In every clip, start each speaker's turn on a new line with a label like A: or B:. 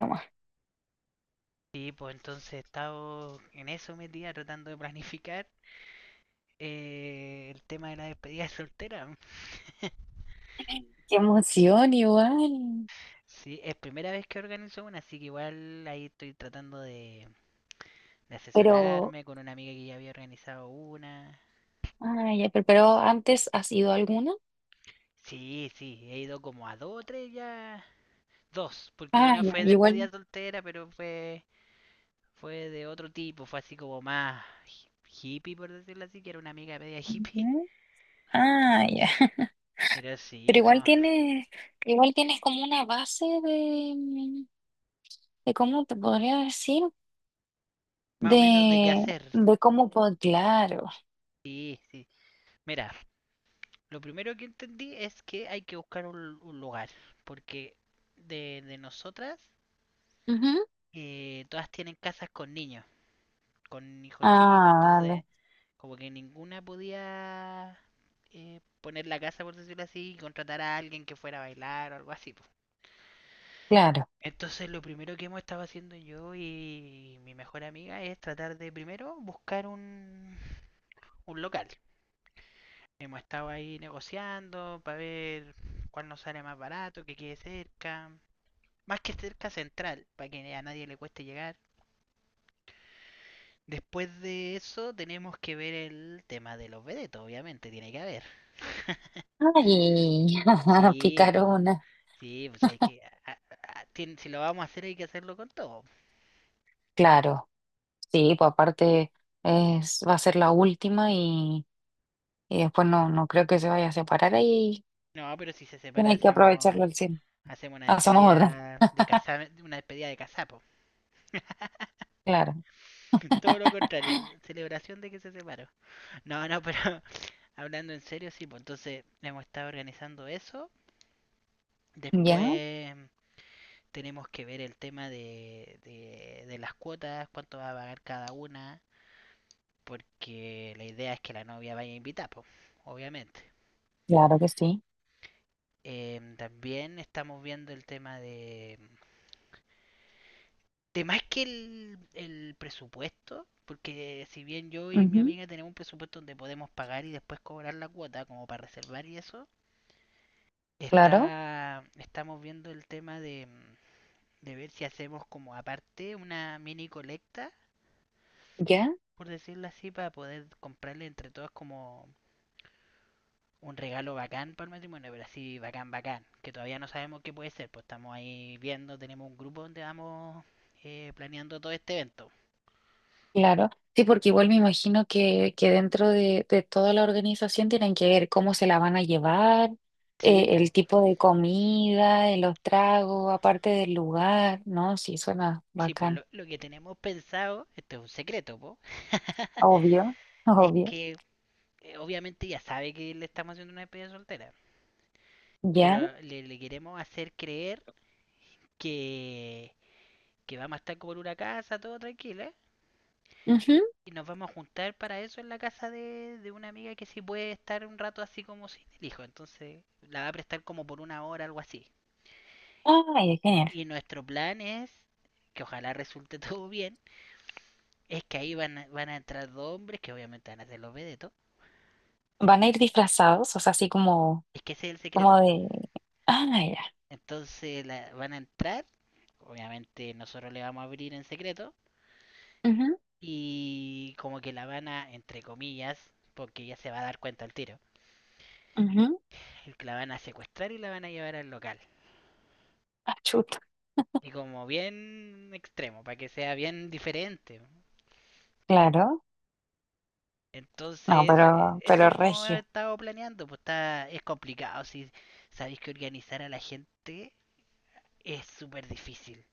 A: Nomás.
B: Sí, pues entonces he estado en eso metida tratando de planificar el tema de la despedida soltera.
A: Qué emoción igual.
B: Sí, es primera vez que organizo una, así que igual ahí estoy tratando de
A: Pero,
B: asesorarme con una amiga que ya había organizado una.
A: ah, ya, pero antes has ido a alguna.
B: Sí, sí, he ido como a dos o tres ya. Dos, porque
A: Ah,
B: una
A: ya,
B: fue despedida
A: igual.
B: soltera, pero fue de otro tipo, fue así como más hippie, por decirlo así, que era una amiga media hippie.
A: Ya. Ah, ya.
B: Pero
A: Pero
B: sí,
A: igual
B: no,
A: tienes, igual tienes como una base de cómo te podría decir,
B: más o menos de qué
A: de,
B: hacer.
A: de cómo puedo, claro.
B: Sí, sí. Mira, lo primero que entendí es que hay que buscar un lugar, porque de nosotras
A: Ujú.
B: todas tienen casas con niños, con hijos chicos,
A: Ah, vale,
B: entonces como que ninguna podía poner la casa, por decirlo así, y contratar a alguien que fuera a bailar o algo así, po.
A: claro.
B: Entonces lo primero que hemos estado haciendo yo y mi mejor amiga es tratar de primero buscar un local. Hemos estado ahí negociando para ver cuál nos sale más barato, que quede cerca. Más que cerca central, para que a nadie le cueste llegar. Después de eso tenemos que ver el tema de los vedetos, obviamente, tiene que haber.
A: Ay,
B: Sí, pues,
A: picarona.
B: sí, pues hay que, si lo vamos a hacer hay que hacerlo con todo.
A: Claro. Sí, pues aparte es, va a ser la última y después no, no creo que se vaya a separar ahí.
B: No, pero si se separa
A: Tiene que
B: hacemos,
A: aprovecharlo al 100%.
B: hacemos una
A: Hacemos otra.
B: despedida de casa, una despedida de casapo.
A: Claro.
B: Todo lo contrario, celebración de que se separó. No, no, pero hablando en serio, sí, pues entonces hemos estado organizando eso.
A: Ya,
B: Después tenemos que ver el tema de las cuotas, cuánto va a pagar cada una, porque la idea es que la novia vaya a invitar, pues, obviamente.
A: claro que sí.
B: También estamos viendo el tema de más que el presupuesto, porque si bien yo y mi
A: Ujú.
B: amiga tenemos un presupuesto donde podemos pagar y después cobrar la cuota como para reservar y eso,
A: Claro,
B: está, estamos viendo el tema de ver si hacemos como aparte una mini colecta,
A: ya,
B: por decirlo así, para poder comprarle entre todos como un regalo bacán para el matrimonio, pero así bacán, bacán, que todavía no sabemos qué puede ser, pues estamos ahí viendo, tenemos un grupo donde vamos planeando todo este evento.
A: claro. Sí, porque igual me imagino que dentro de toda la organización tienen que ver cómo se la van a llevar,
B: Sí, pues,
A: el tipo de comida, los tragos, aparte del lugar, ¿no? Sí, suena
B: sí, pues
A: bacán.
B: lo, que tenemos pensado, esto es un secreto, po.
A: Obvio,
B: Es
A: obvio.
B: que obviamente ya sabe que le estamos haciendo una despedida soltera,
A: Ya.
B: pero le queremos hacer creer que vamos a estar como en una casa, todo tranquilo, ¿eh?
A: Ujú.
B: Y nos vamos a juntar para eso en la casa de una amiga que sí puede estar un rato así como sin el hijo. Entonces la va a prestar como por una hora, algo así.
A: Ay, genial.
B: Y nuestro plan es, que ojalá resulte todo bien, es que ahí van a entrar dos hombres que obviamente van a ser los vedetos.
A: ¿Van a ir disfrazados? O sea, así como
B: Es que ese es el secreto,
A: como
B: po.
A: de, ah, no, ya,
B: Entonces van a entrar, obviamente nosotros le vamos a abrir en secreto
A: ujú,
B: y como que la van a, entre comillas, porque ya se va a dar cuenta al tiro,
A: ujú,
B: la van a secuestrar y la van a llevar al local.
A: ah, chuta,
B: Y como bien extremo, para que sea bien diferente.
A: claro, no,
B: Entonces,
A: pero,
B: eso
A: pero
B: hemos
A: regio,
B: estado planeando, pues está, es complicado. Si sabéis que organizar a la gente es súper difícil.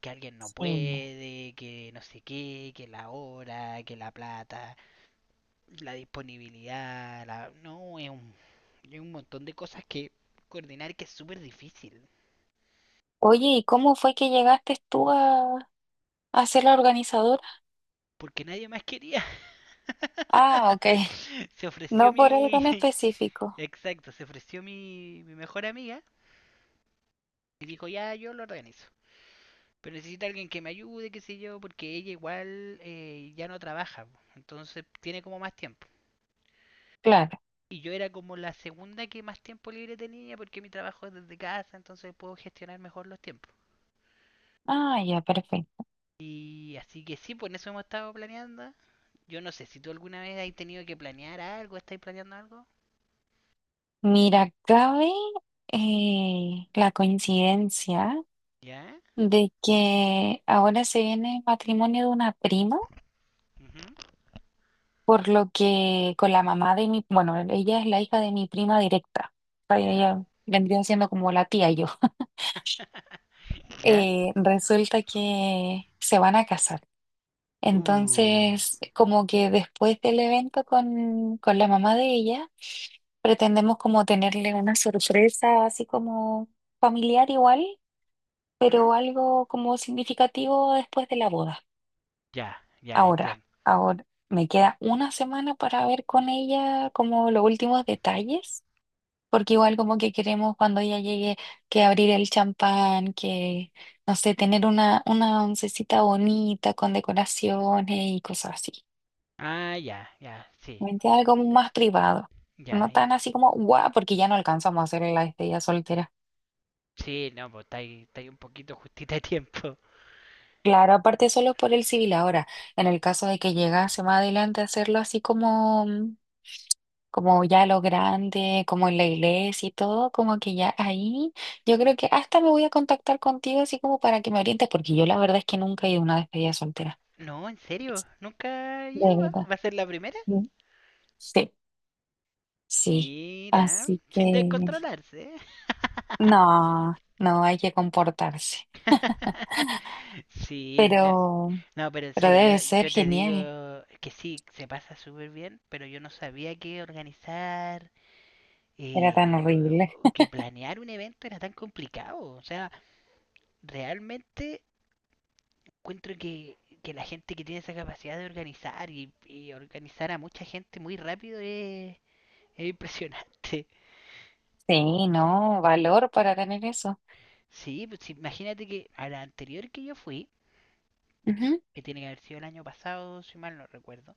B: Que alguien no
A: sí.
B: puede, que no sé qué, que la hora, que la plata, la disponibilidad, la, no, es un, montón de cosas que coordinar que es súper difícil.
A: Oye, ¿y cómo fue que llegaste tú a ser la organizadora?
B: Porque nadie más quería.
A: Ah, ok,
B: Se ofreció
A: no por algo
B: mi,
A: en específico,
B: Exacto, se ofreció mi mejor amiga y dijo, ya, yo lo organizo. Pero necesita alguien que me ayude, qué sé yo, porque ella igual ya no trabaja, po, entonces tiene como más tiempo.
A: claro,
B: Y yo era como la segunda que más tiempo libre tenía porque mi trabajo es desde casa, entonces puedo gestionar mejor los tiempos.
A: ah, ya, perfecto.
B: Y así que sí, pues en eso hemos estado planeando. Yo no sé, si tú alguna vez has tenido que planear algo, ¿estáis planeando algo?
A: Mira, cabe la coincidencia
B: ¿Ya?
A: de que ahora se viene el matrimonio de una prima.
B: Ujú.
A: Por lo que con la mamá de mi, bueno, ella es la hija de mi prima directa. O sea,
B: ¿Ya?
A: ella vendría siendo como la tía yo.
B: ¿Ya?
A: Resulta que se van a casar.
B: Uh,
A: Entonces, como que después del evento con la mamá de ella, pretendemos como tenerle una sorpresa así como familiar igual,
B: ¿Mm?
A: pero algo como significativo después de la boda.
B: Ya, ya,
A: Ahora,
B: entiendo.
A: ahora me queda una semana para ver con ella como los últimos detalles. Porque igual como que queremos cuando ella llegue que abrir el champán, que, no sé, tener una oncecita bonita con decoraciones y cosas así.
B: Ah, ya, ya, sí,
A: ¿Me entiendes? Algo más privado.
B: ya.
A: No tan así como, guau, porque ya no alcanzamos a hacer la despedida soltera.
B: Sí, no, pues está ahí un poquito justita de tiempo.
A: Claro, aparte solo por el civil ahora. En el caso de que llegase más adelante a hacerlo así como ya lo grande, como en la iglesia y todo, como que ya ahí yo creo que hasta me voy a contactar contigo así como para que me orientes, porque yo la verdad es que nunca he ido a una despedida soltera.
B: No, en serio, nunca
A: De
B: lleva.
A: verdad.
B: ¿Va a ser la primera?
A: Mm. Sí, sí.
B: Mira,
A: Así
B: sin
A: que
B: descontrolarse.
A: no, no hay que comportarse.
B: Sí, no,
A: Pero,
B: no, pero en
A: pero debe
B: serio, yo,
A: ser
B: yo te digo
A: genial.
B: que sí, se pasa súper bien, pero yo no sabía que organizar,
A: Era tan
B: eh, o-
A: horrible.
B: o que planear un evento era tan complicado. O sea, realmente encuentro que la gente que tiene esa capacidad de organizar y organizar a mucha gente muy rápido es, impresionante.
A: Sí, no, valor para tener eso.
B: Sí, pues sí, imagínate que a la anterior que yo fui,
A: Ujú,
B: que tiene que haber sido el año pasado, si mal no recuerdo,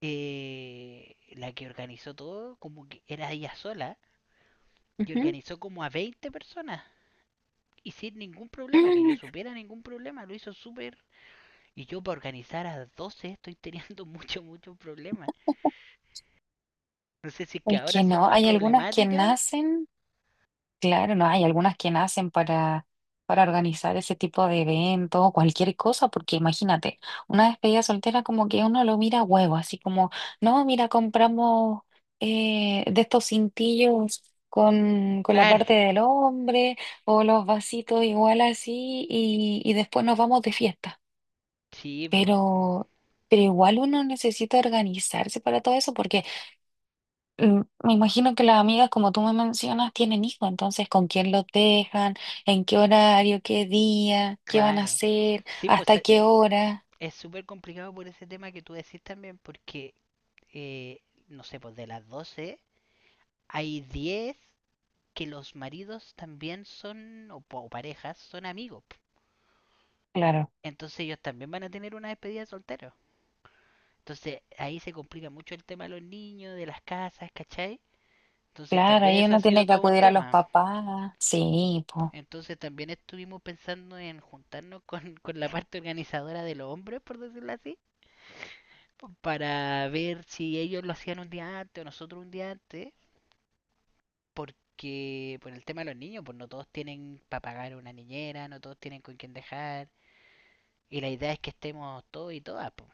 B: la que organizó todo, como que era ella sola, y
A: ujú.
B: organizó como a 20 personas. Y sin ningún problema, que yo supiera ningún problema, lo hizo súper. Y yo para organizar a 12 estoy teniendo mucho, mucho problemas. No sé si es que
A: Es
B: ahora
A: que
B: son
A: no,
B: más
A: hay algunas que
B: problemáticas.
A: nacen. Claro, no hay algunas que nacen para organizar ese tipo de eventos o cualquier cosa, porque imagínate, una despedida soltera como que uno lo mira a huevo, así como, no, mira, compramos de estos cintillos con la
B: Claro,
A: parte del hombre o los vasitos igual así y después nos vamos de fiesta.
B: sí, pues,
A: Pero, pero igual uno necesita organizarse para todo eso porque. Me imagino que las amigas, como tú me mencionas, tienen hijos, entonces con quién los dejan, en qué horario, qué día, qué van a
B: claro.
A: hacer,
B: Sí, pues
A: hasta qué hora.
B: es súper complicado por ese tema que tú decís también, porque, eh, no sé, pues de las 12 hay 10 que los maridos también son, o parejas, son amigos, po.
A: Claro,
B: Entonces ellos también van a tener una despedida de soltero. Entonces ahí se complica mucho el tema de los niños, de las casas, ¿cachai? Entonces
A: claro,
B: también
A: ahí
B: eso ha
A: uno
B: sido
A: tiene que
B: todo un
A: acudir a los
B: tema.
A: papás. Sí, pues,
B: Entonces también estuvimos pensando en juntarnos con la parte organizadora de los hombres, por decirlo así, para ver si ellos lo hacían un día antes o nosotros un día antes, porque por el tema de los niños, pues no todos tienen para pagar una niñera, no todos tienen con quién dejar, y la idea es que estemos todos y todas, pues.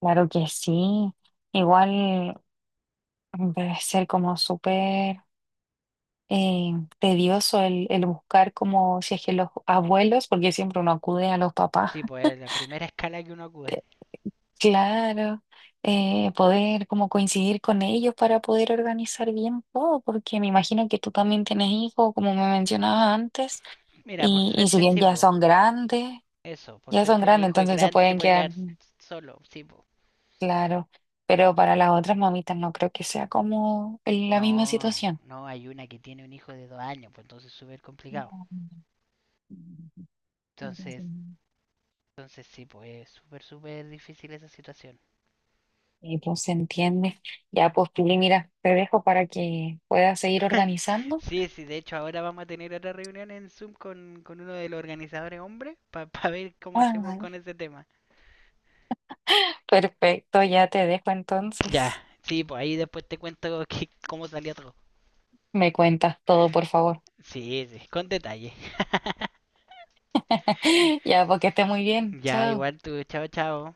A: claro que sí. Igual debe ser como súper eh, tedioso el buscar como si es que los abuelos, porque siempre uno acude a los papás.
B: Sí, pues es la primera escala que uno acude.
A: Claro, poder como coincidir con ellos para poder organizar bien todo, porque me imagino que tú también tienes hijos, como me mencionabas antes,
B: Mira, por
A: y si
B: suerte
A: bien
B: sí,
A: ya
B: pues.
A: son grandes,
B: Eso, por
A: ya son
B: suerte mi
A: grandes,
B: hijo es
A: entonces se
B: grande y se
A: pueden
B: puede
A: quedar,
B: quedar solo, sí, pues.
A: claro, pero para las otras mamitas no creo que sea como la misma
B: No,
A: situación.
B: no, hay una que tiene un hijo de 2 años, pues entonces es súper complicado.
A: No,
B: Entonces, entonces, sí, pues es súper, súper difícil esa situación.
A: y pues se entiende. Ya pues, Pili, mira, te dejo para que puedas seguir organizando.
B: Sí, sí, de hecho ahora vamos a tener otra reunión en Zoom con uno de los organizadores hombres para ver cómo hacemos
A: Ah,
B: con ese tema.
A: perfecto, ya te dejo
B: Ya,
A: entonces.
B: sí, pues ahí después te cuento cómo salió todo.
A: Me cuentas todo, por favor.
B: Sí, sí, con detalle.
A: Ya, porque esté muy bien.
B: Ya,
A: Chao.
B: igual tú, chao, chao.